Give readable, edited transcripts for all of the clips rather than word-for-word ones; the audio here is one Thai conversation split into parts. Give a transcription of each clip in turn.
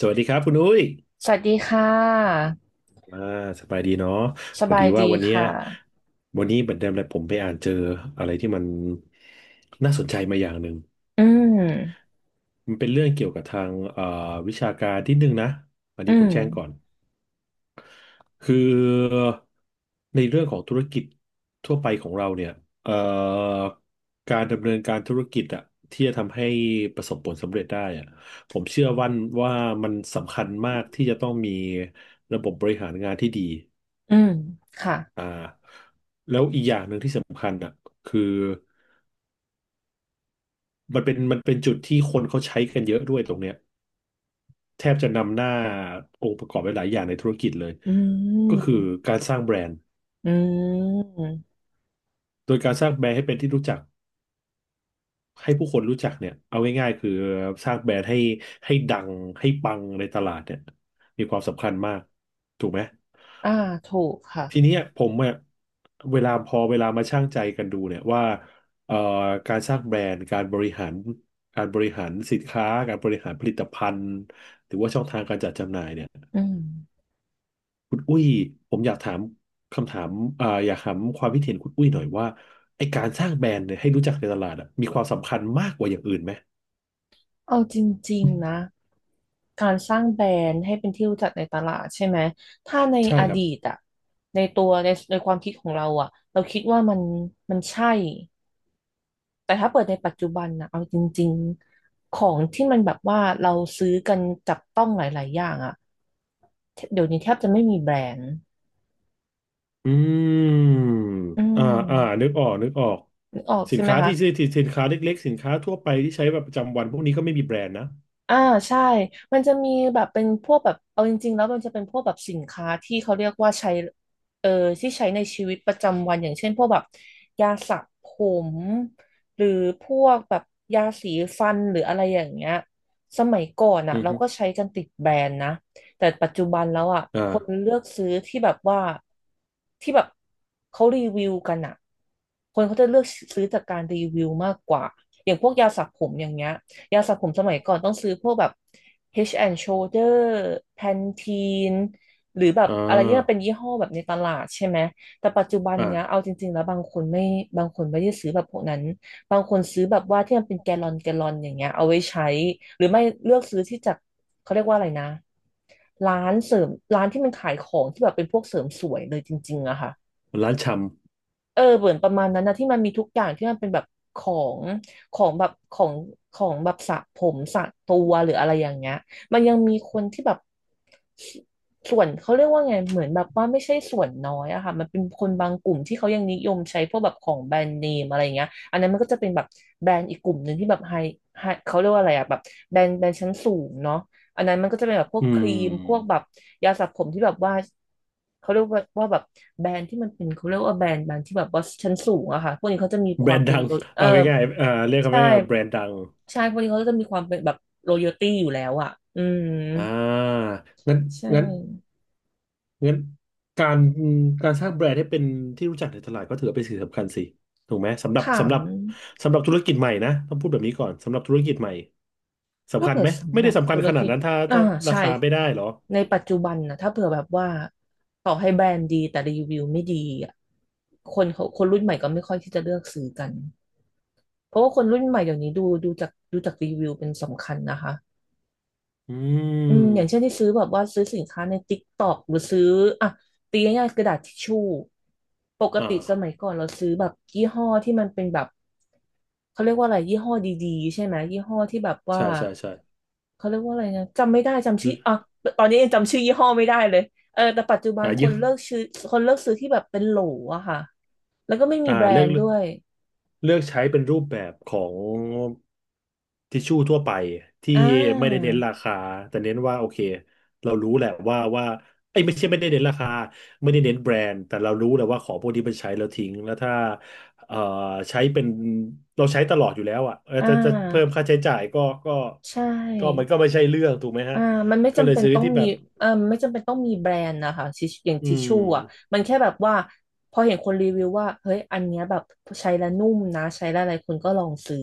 สวัสดีครับคุณอุ้ยสวัสดีค่ะอ่าสบายดีเนาะสพอบาดียดีว่าวันเนี้ยค่ะ วันนี้เหมือนเดิมเลยผมไปอ่านเจออะไรที่มันน่าสนใจมาอย่างหนึ่ง อืมมันเป็นเรื่องเกี่ยวกับทางวิชาการนิดนึงนะอันอืนี้ผมมแจ้งก่อน คือในเรื่องของธุรกิจทั่วไปของเราเนี่ยเอ่อการดำเนินการธุรกิจอะที่จะทำให้ประสบผลสำเร็จได้อะผมเชื่อวันว่ามันสำคัญมากที่จะต้องมีระบบบริหารงานที่ดี อืมค่ะอ่าแล้วอีกอย่างหนึ่งที่สำคัญอ่ะคือมันเป็นจุดที่คนเขาใช้กันเยอะด้วยตรงเนี้ยแทบจะนำหน้าองค์ประกอบไปหลายอย่างในธุรกิจเลยอืก็คือมการสร้างแบรนด์อืมโดยการสร้างแบรนด์ให้เป็นที่รู้จักให้ผู้คนรู้จักเนี่ยเอาง่ายๆคือสร้างแบรนด์ให้ดังให้ปังในตลาดเนี่ยมีความสำคัญมากถูกไหม อ่าถูกค่ะทีเนี้ยผมอะเวลาพอเวลามาชั่งใจกันดูเนี่ยว่าเอ่อการสร้างแบรนด์การบริหารสินค้าการบริหารผลิตภัณฑ์หรือว่าช่องทางการจัดจำหน่ายเนี่ยอืมคุณอุ้ยผมอยากถามคำถามอยากถามความคิดเห็นคุณอุ้ยหน่อยว่าไอการสร้างแบรนด์เนี่ยให้รู้จักในตลาดอะมีความสำคัญมากกว่าอย่างอื่นไหมเอาจริงๆนะการสร้างแบรนด์ให้เป็นที่รู้จักในตลาดใช่ไหมถ้าในใช่อครับ ดีตอะในความคิดของเราอะเราคิดว่ามันใช่ แต่ถ้าเปิดในปัจจุบันนะเอาจริงๆของที่มันแบบว่าเราซื้อกันจับต้องหลายๆอย่างอะเดี๋ยวนี้แทบจะไม่มีแบรนด์อืมอือ่ามอ่านึกออกนึกออกนึกออกสิใช่นไหมค้าคะ ที่ซื้อที่สินค้าเล็กๆสินค้าทั่วไปที่ใช้แบบประจำวันพวกนี้ก็ไม่มีแบรนด์นะอ่าใช่มันจะมีแบบเป็นพวกแบบเอาจริงๆแล้วมันจะเป็นพวกแบบสินค้าที่เขาเรียกว่าใช้เออที่ใช้ในชีวิตประจำวันอย่างเช่นพวกแบบยาสระผมหรือพวกแบบยาสีฟันหรืออะไรอย่างเงี้ยสมัยก่อนอ่ะอือเราฮึก็ใช้กันติดแบรนด์นะแต่ปัจจุบันแล้วอ่ะอ่คนาเลือกซื้อที่แบบว่าที่แบบเขารีวิวกันอ่ะคนเขาจะเลือกซื้อจากการรีวิวมากกว่าอย่างพวกยาสระผมอย่างเงี้ย ยาสระผมสมัยก่อนต้องซื้อพวกแบบ Head and Shoulder Pantene หรือแบบอ่อะไรที่มันเป็นายี่ห้อแบบในตลาดใช่ไหม แต่ปัจจุบันเนี้ยเอาอ่าจริงๆแล้วบางคนไม่ได้ซื้อแบบพวกนั้น บางคนซื้อแบบว่าที่มันเป็นแกลลอนแกลลอนอย่างเงี้ยเอาไว้ใช้ หรือไม่เลือกซื้อที่จากเขาเรียกว่าอะไรนะร้านเสริมร้านที่มันขายของที่แบบเป็นพวกเสริมสวยเลยจริงๆอะค่ะ ร้านชเออเหมือนประมาณนั้นนะที่มันมีทุกอย่างที่มันเป็นแบบของของของแบบสระผมสระตัวหรืออะไรอย่างเงี้ยมันยังมีคนที่แบบสส่วนเขาเรียกว่าไงเหมือนแบบว่าไม่ใช่ส่วนน้อยอะค่ะมันเป็นคนบางกลุ่มที่เขายังนิยมใช้พวกแบบของแบรนด์เนมอะไรเงี้ยอันนั้นมันก็จะเป็นแบบแบรนด์อีกกลุ่มหนึ่งที่แบบไฮเขาเรียกว่าอะไรอะแบบแบรนด์ชั้นสูงเนาะ อันนั้นมันก็จะเป็นแบบพำวกอืครีมพวกแบมบยาสระผมที่แบบว่าเขาเรียกว่าแบบแบรนด์ที่มันเป็นเขาเรียกว่าแบรนด์ที่แบบว่าชั้นสูงอะค่ะพวกนี้เขาจะมีคแบรวามนด์เป็นดังโลเอาง่ายๆอ่าเรียกคำใช่ว่าแบรนด์ดังใช่พวกนี้เขาก็จะมีความเป็นแบบโรโยตี้อยู่แล้วอะอืมอ่างั้นใช่งั้น งั้นการการสร้างแบรนด์ให้เป็นที่รู้จักในตลาดก็ถือว่าเป็นสิ่งสำคัญสิถูกไหมสำหรับถาสำหมรับสำหรับธุรกิจใหม่นะต้องพูดแบบนี้ก่อนสำหรับธุรกิจใหม่สำถ้าคัญเกิดไหมสำไม่หรัได้บสำคัธุญรขนาดกิจนั้นถ้าอ่าถ้าราใช่คาไม่ได้เหรอในปัจจุบันนะถ้าเผื่อแบบว่าต่อให้แบรนด์ดีแต่รีวิวไม่ดีอ่ะคนเขาคนรุ่นใหม่ก็ไม่ค่อยที่จะเลือกซื้อกัน เพราะว่าคนรุ่นใหม่เดี๋ยวนี้ดูจากรีวิวเป็นสำคัญนะคะอือืมอย่างเช่นที่มซื้อแบบว่าซื้อสินค้าใน TikTok หรือซื้ออ่ะตีง่ายๆกระดาษทิชชู่ปกอติสมั่ายก่อนเราซื้อแบบยี่ห้อที่มันเป็นแบบเขาเรียกว่าอะไรยี่ห้อดีๆใช่ไหมยี่ห้อที่แบบว่าใช่ใช่ใช่เขาเรียกว่าอะไรนะจำไม่ได้จำชื่ออ่ะตอนนี้ยังจำชื่อยี่ห้อไม่ได้เลยเออแต่ปัจจุบันอ่าคเยนอะเลิกซื้อคนเลิกซื้อที่แบบเป็นโหลอะค่ะแล้วก็ไม่มีอ่าแบรเลือนด์ด้ก วยเลือกใช้เป็นรูปแบบของทิชชู่ทั่วไปที่อ่ไม่ได้าเน้นราคาแต่เน้นว่าโอเคเรารู้แหละว่าไอ้ยไม่ใช่ไม่ได้เน้นราคาไม่ได้เน้นแบรนด์แต่เรารู้แหละว่าของพวกนี้มันใช้แล้วทิ้งแล้วถ้าเอ่อใช้เป็นเราใช้ตลอดอยู่แล้วอ่ะเอออ่จะจะเพิ่มาค่าใช้จ่ายก็ก็ใชก็มัน่ ก็ไม่ใช่เรื่องถูกไหมฮะอ่ามันไม่ก็เลจำยเป็นซื้อต้องที่แบมีบเออไม่จำเป็นต้องมีแบรนด์นะคะอย่างอืทิชชู่อ่ะมมันแค่แบบว่าพอเห็นคนรีวิวว่าเฮ้ยอันเนี้ยแบบใช้แล้วนุ่มนะใช้แล้วอะไรคนก็ลองซื้อ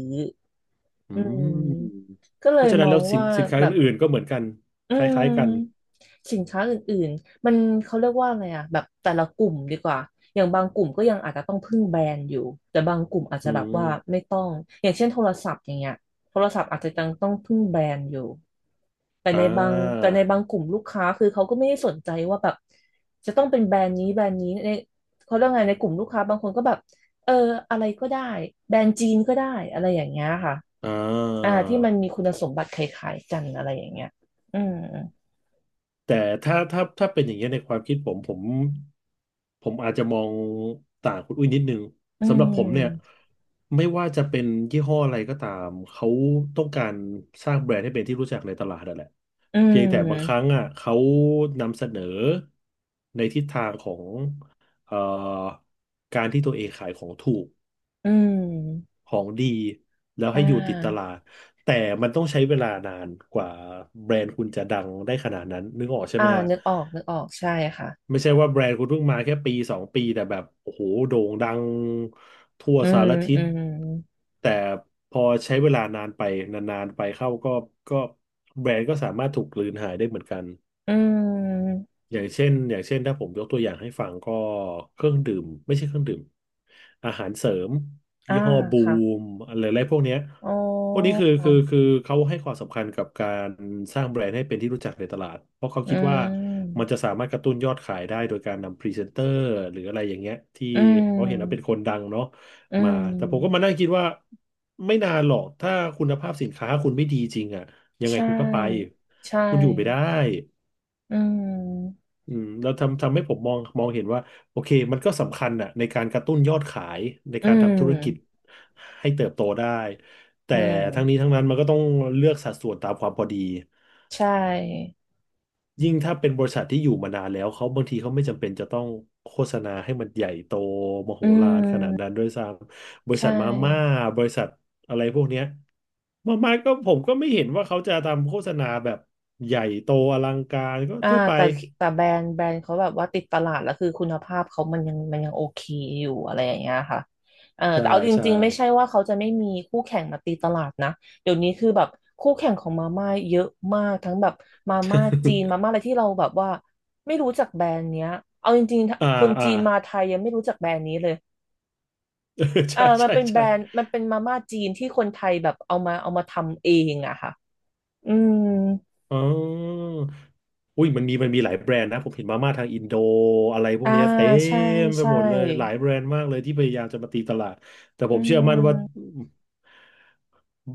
อือืมมก็เลเพยราะฉะมนั้นอแล้งวสินว่าสินค้าแบบ อื่นๆก็เหมือนกันอืคล้ายๆกันมสินค้าอื่นๆมันเขาเรียกว่าอะไรอะแบบแต่ละกลุ่มดีกว่าอย่างบางกลุ่มก็ยังอาจจะต้องพึ่งแบรนด์อยู่แต่บางกลุ่มอาจอืจะแบบว่าไม่ม ต้องอย่างเช่นโทรศัพท์อย่างเงี้ยโทรศัพท์อาจจะยังต้องพึ่งแบรนด์อยู่อ่แต่าในบางกลุ่มลูกค้าคือเขาก็ไม่ได้สนใจว่าแบบจะต้องเป็นแบรนด์นี้ในเขาเรียกไงในกลุ่มลูกค้าบางคนก็แบบเอออะไรก็ได้แบรนด์จีนก็ได้อะไรอย่างเงี้ยค่ะอ่อ่าที่มันมีาคุณสมบัติคล้ายๆกันอะไรอย่างเงี้ย อืมแต่ถ้าเป็นอย่างเงี้ยในความคิดผมอาจจะมองต่างคุณอุ้ยนิดนึงอืสำหรับผมเนี่ยมไม่ว่าจะเป็นยี่ห้ออะไรก็ตามเขาต้องการสร้างแบรนด์ให้เป็นที่รู้จักในตลาดนั่นแหละอืเพียงแต่บางครั้งมอ่ะเขานำเสนอในทิศทางของเอ่อการที่ตัวเองขายของถูก อืมของดีแล้วอ่ให้อยู่ติดตลาาดแต่มันต้องใช้เวลานานกว่าแบรนด์คุณจะดังได้ขนาดนั้นนึกออกใช่อ่าไหมฮะนึกออก นึกออก ใช่ค่ะไม่ใช่ว่าแบรนด์คุณเพิ่งมาแค่ปีสองปีแต่แบบโอ้โหโด่งดังทั่วอืสามรทิอืศมแต่พอใช้เวลานานไปนานๆไปเข้าก็ก็แบรนด์ก็สามารถถูกกลืนหายได้เหมือนกัน อืมอย่างเช่นถ้าผมยกตัวอย่างให้ฟังก็เครื่องดื่มไม่ใช่เครื่องดื่มอาหารเสริมอ่ายี่ห้อบูค่ะมอะไรอะไรพวกเนี้ยอ๋อพวกนี้คือเขาให้ความสำคัญกับการสร้างแบรนด์ให้เป็นที่รู้จักในตลาดเพราะเขาอืคิดว่ามัมนจะสามารถกระตุ้นยอดขายได้โดยการนำพรีเซนเตอร์หรืออะไรอย่างเงี้ยที่อืเขาเห็นว่าเป็นคมนดังเนาะอืมาแต่ผมก็มามนั่งคิดว่าไม่นานหรอกถ้าคุณภาพสินค้าคุณไม่ดีจริงอะยังใชไงคุณก็ไป่ ใช่คุณอยู่ไม่ได้ อืมอืมแล้วทำให้ผมมองเห็นว่าโอเคมันก็สำคัญอ่ะในการกระตุ้นยอดขายในอืการมทำธุรกิจให้เติบโตได้แต่อืทั้งนี้มทั้งนั้นมันก็ต้องเลือกสัดส่วนตามความพอดีใช่ยิ่งถ้าเป็นบริษัทที่อยู่มานานแล้วเขาบางทีเขาไม่จำเป็นจะต้องโฆษณาให้มันใหญ่โตมโหอืฬารขนาดมนั้นด้วยซ้ำบริใช่ ษัทมาม่าบริษัทอะไรพวกเนี้ยมาม่าก็ผมก็ไม่เห็นว่าเขาจะทำโฆษณาแบบใหญ่โตอลังการก็อ่าทั่วไปแต่แต่แบรนด์เขาแบบว่าติดตลาดแล้วคือคุณภาพเขามันยังโอเคอยู่อะไรอย่างเงี้ยค่ะเออใช่แต่เอาจใช่ ริงๆไม่ใช่ว่าเขาจะไม่มีคู่แข่งมาตีตลาดนะเดี๋ยวนี้คือแบบคู่แข่งของมาม่าเยอะมากทั้งแบบมาม่าจีนมา ม่าอะไรที่เราแบบว่าไม่รู้จักแบรนด์เนี้ยเอาจริงอ่าๆคนอ่า จี นมาไทยยังไม่รู้จักแบรนด์นี้เลยเออเออใช่มันใช่เป็นแบใช่รนด์มันเป็นมาม่าจีนที่คนไทยแบบเอามาทำเองอะค่ะอืมอ๋ออุ้ยมันมีหลายแบรนด์นะผมเห็นมาม่าทางอินโดอะไรพวกอ่าเนี้ยเต็ใช่มไปใช่หมดเลยหลายแบรนด์มากเลยที่พยายามจะมาตีตลาดแต่ผอืมเชื่อมั่นว่าม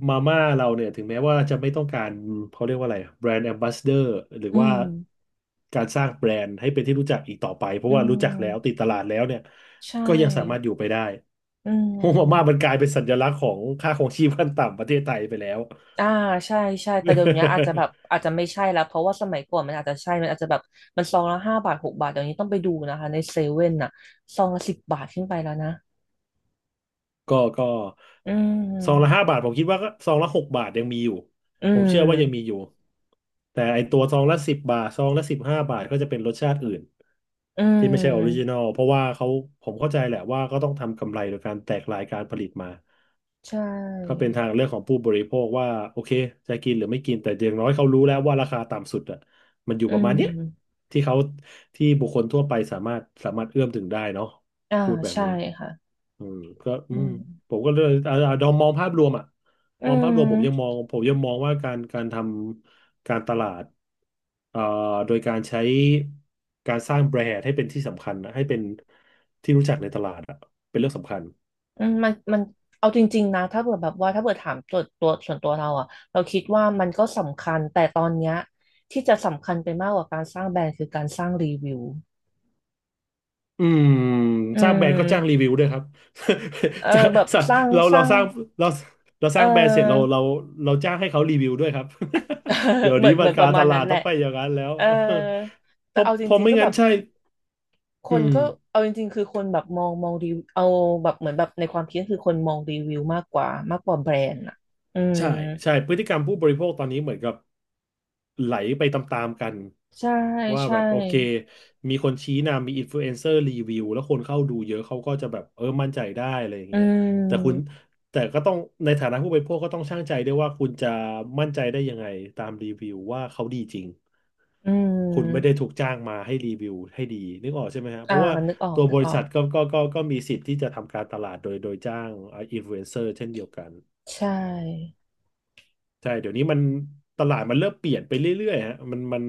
มาม่าเราเนี่ยถึงแม้ว่าจะไม่ต้องการเขาเรียกว่าอะไรแบรนด์แอมบ สเดอร์หรืออืว่ามการสร้างแบรนด์ให้เป็นที่รู้จักอีกต่อไปเพอืราะว่ารู้จักแล้วติมดตลาดแล้วเนี่ยใชก็ยังสามารถ่อยู่ไปได้อืโฮมาม่ามันมกลายเป็นสัญลักษณ์ของค่าครองชีพขั้นต่ำประเทศไทยไปแล้ว อ่าใช่ ใช่ แต่เดี๋ยวนี้อาจจะแบบ อาจจะไม่ใช่แล้ว เพราะว่าสมัยก่อนมันอาจจะใช่ มันอาจจะแบบมันซองละห้าบาทหกบาทเดี๋ยวนี้ต้องไปดูนะคะในเซเว่นน่ะ ซองละสิบบาทขึ้นไปแล้วนะ ก็อืซองละห้าม บาทผมคิดว่าก็ซองละ6 บาทยังมีอยู่อืผมเชื่อว่ายังมีอมยู่แต่ไอตัวซองละ10 บาทซองละ15 บาทก็จะเป็นรสชาติอื่นอืที่ไม่ใช่ออริจินอมลเพราะว่าเขาผมเข้าใจแหละว่าก็ต้องทำกำไรโดยการแตกรายการผลิตมา ใช่ก็เป็นทางเลือกของผู้บริโภคว่าโอเคจะกินหรือไม่กินแต่อย่างน้อยเขารู้แล้วว่าราคาต่ำสุดอ่ะมันอยู่อืประมาณเนี้ยมที่เขาที่บุคคลทั่วไปสามารถเอื้อมถึงได้เนาะอ่าพูดแบบใช่นี้ค่ะอืมก็อือืมมผมก็เลยดอมมองภาพรวมอ่ะอืมองภาพรวมผมยังม มองผมยังมองว่าการทำการตลาดเอ่อโดยการใช้การสร้างแบรนด์ให้เป็นที่สำคัญนะให้เป็นที่รู้จักในตลาดอ่ะเป็นเรื่องสำคัญ อืมมันเอาจริงๆนะถ้าเกิดแบบว่าถ้าเกิดถามตัวตัวส่วนตัวเราอะเราคิดว่ามันก็สำคัญแต่ตอนเนี้ยที่จะสำคัญไปมากกว่าการสร้างแบรนด์คือการสร้างรีวิวอืมอืสร้างแบรนด์ก็จ้างรีมวิวด้วยครับ เออ จะแบบจะสร้างเราสเราร้างสร้างเราเราสเอร้างแบรนด์เสร็จเราอ เราเราจ้างให้เขารีวิวด้วยครับ เดี๋ย วเหมือนี้นเหมัมืนอนปการะรมาตณลานั้นดแหต้อละงไปอย่างนั้นแล้ว เออ เพแต่ราะเอาจเพราะริงๆไม่ก็แบงั้นบใช่คอืนม ก็เอาจริงๆคือคนแบบมองรีวิวเอาแบบเหมือนแบบในความคิดคือคนมองรีวิวมากกว่าแบรนด์อะอืมใช่ใช่พฤติกรรมผู้บริโภคตอนนี้เหมือนกับไหลไปตามๆกันใช่ว่าใช่แบบโอเคมีคนชี้นำมีอินฟลูเอนเซอร์รีวิวแล้วคนเข้าดูเยอะเขาก็จะแบบเออมั่นใจได้อะไรอย่างอืเงี้ยแต่คุณม แต่ก็ต้องในฐานะผู้บริโภคก็ต้องชั่งใจด้วยว่าคุณจะมั่นใจได้ยังไงตามรีวิวว่าเขาดีจริงอืคุณไม่ได้ม ถูกจ้างมาให้รีวิวให้ดีนึกออกใช่ไหมฮะเพอ่า ราะว่านึกออก ตัวนึบกริออษัก ทก็มีสิทธิ์ที่จะทำการตลาดโดยจ้างอินฟลูเอนเซอร์เช่นเดียวกัน ใช่ ใช่ เดี๋ยวนี้มันตลาดมันเริ่มเปลี่ยนไปเรื่อยๆฮะมันมัน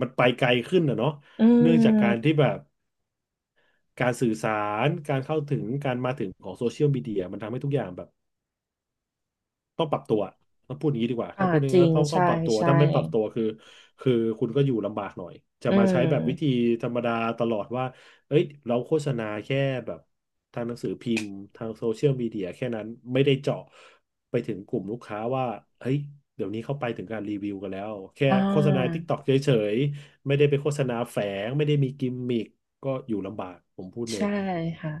มันไปไกลขึ้นนะเนาะอืเนื่องจากการที่ม แบบการสื่อสารการเข้าถึงการมาถึงของโซเชียลมีเดียมันทำให้ทุกอย่างแบบ ต้องปรับตัวต้องพูดอย่างนี้ดีกว่าอ่า ถ้าพูดอย่างจนี้ริง ก็ต้องต้อใช่ งปรับตัวใช่ ถ้าไม่ปรับตัวคือคือคุณก็อยู่ลำบากหน่อยจะอืมาใช้แบบวิธีม ธรรมดาตลอดว่าเอ้ยเราโฆษณาแค่แบบทางหนังสือพิมพ์ทางโซเชียลมีเดียแค่นั้นไม่ได้เจาะไปถึงกลุ่มลูกค้าว่าเฮ้ยเดี๋ยวนี้เข้าไปถึงการรีวิวกันแล้วแค่อ่โฆษณา า TikTok เฉยๆไม่ได้ไปโฆษณาแฝงไม่ได้มีกิมมิคก็อยู่ลำบากผมพูดเลยใช่ค่ะ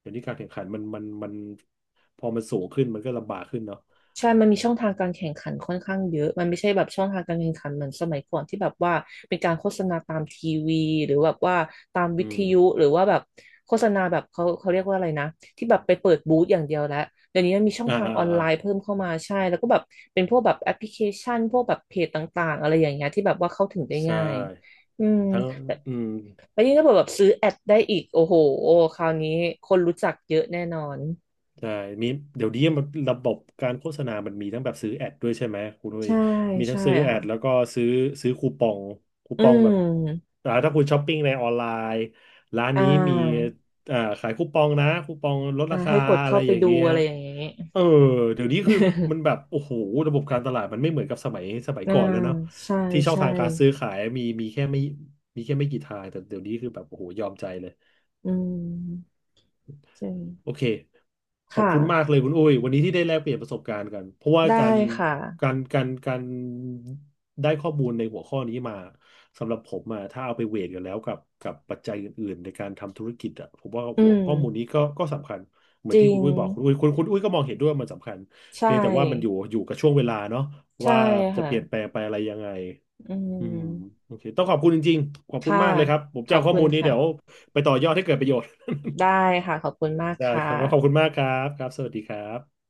เดี๋ยวนี้การแข่งขันมันพอมันสูงขึ้นมันก็ลำบากขึ้นเนาะใช่มันมีช่องทางการแข่งขันค่อนข้างเยอะมันไม่ใช่แบบช่องทางการแข่งขันเหมือนสมัยก่อนที่แบบว่าเป็นการโฆษณาตามทีวีหรือแบบว่าตามวิอืทม ยุหรือว่าแบบโฆษณาแบบเขาเรียกว่าอะไรนะที่แบบไปเปิดบูธอย่างเดียวแล้วเดี๋ยวนี้มันมีช่องอ่าทางอ่าออนอ่าไลน์เพิ่มเข้ามาใช่แล้วก็แบบเป็นพวกแบบแอปพลิเคชันพวกแบบเพจต่างๆอะไรอย่างเงี้ยที่แบบว่าเข้าถึงได้ใช่ง่ายอืมทั้งแต่อืมแล้วยิ่งถ้าแบบซื้อแอดได้อีกโอ้โหคราวนี้คนรู้จักเยอะแน่นอนใช่มีเดี๋ยวนี้มันระบบการโฆษณามันมีทั้งแบบซื้อแอดด้วยใช่ไหมคุณนุ้ยใช่มีทั้งใช่ซื้อแอดแล้วค่ะก็ซื้อซื้อคูปองคูอืปองแบบม อ่าถ้าคุณช้อปปิ้งในออนไลน์ร้านอ่นี้มีาอ่าขายคูปองนะคูปองลดอ่าราคาให้กดอะไรเข้าไปอย่างดูเงี้ยอะไรอย่างเงี้ย เออเดี๋ยวนี้คือมันแบบ โอ้โหระบบการตลาดมันไม่เหมือนกับสมัยสมัยอ่าก่อนแล้วเนาะใช่ที่ช่องใช่ทางการซื้อขายมีแค่ไม่กี่ทางแต่เดี๋ยวนี้คือแบบโอ้โหยอมใจเลย อืมใช่โอเคขอบค่ะคุณมากเลยคุณอุ้ยวันนี้ที่ได้แลกเปลี่ยนประสบการณ์กันเพราะว่าได้การค่ะการการการได้ข้อมูลในหัวข้อนี้มาสำหรับผมอะถ้าเอาไปเวทกันแล้วกับกับปัจจัยอื่นๆในการทำธุรกิจอะผมว่าอืหัวข้อมูลมนี้ก็สำคัญเหมืจอนที่ริคุงณอุ้ยบอกคุณอุ้ยก็มองเห็นด้วยว่ามันสำคัญใชเพียงแต่ว่ามันอ่ยู่อยู่กับช่วงเวลาเนาะใช่ว่าจะค่ะเปลี่ยนแปลงไปอะไรยังไงอือืมมโอเคต้องขอบคุณจริงๆขอบคุณค่ะมากเลยครับผมขจะอบเอาข้อคุมูณลนี้เดี๋ยวค่ะไปต่อยอดให้เกิดประโยชน์ ได้ค่ะขอบคุณมากได้ค่ะครับว่าขอบคุณมากครับครับ สวัสดีครับ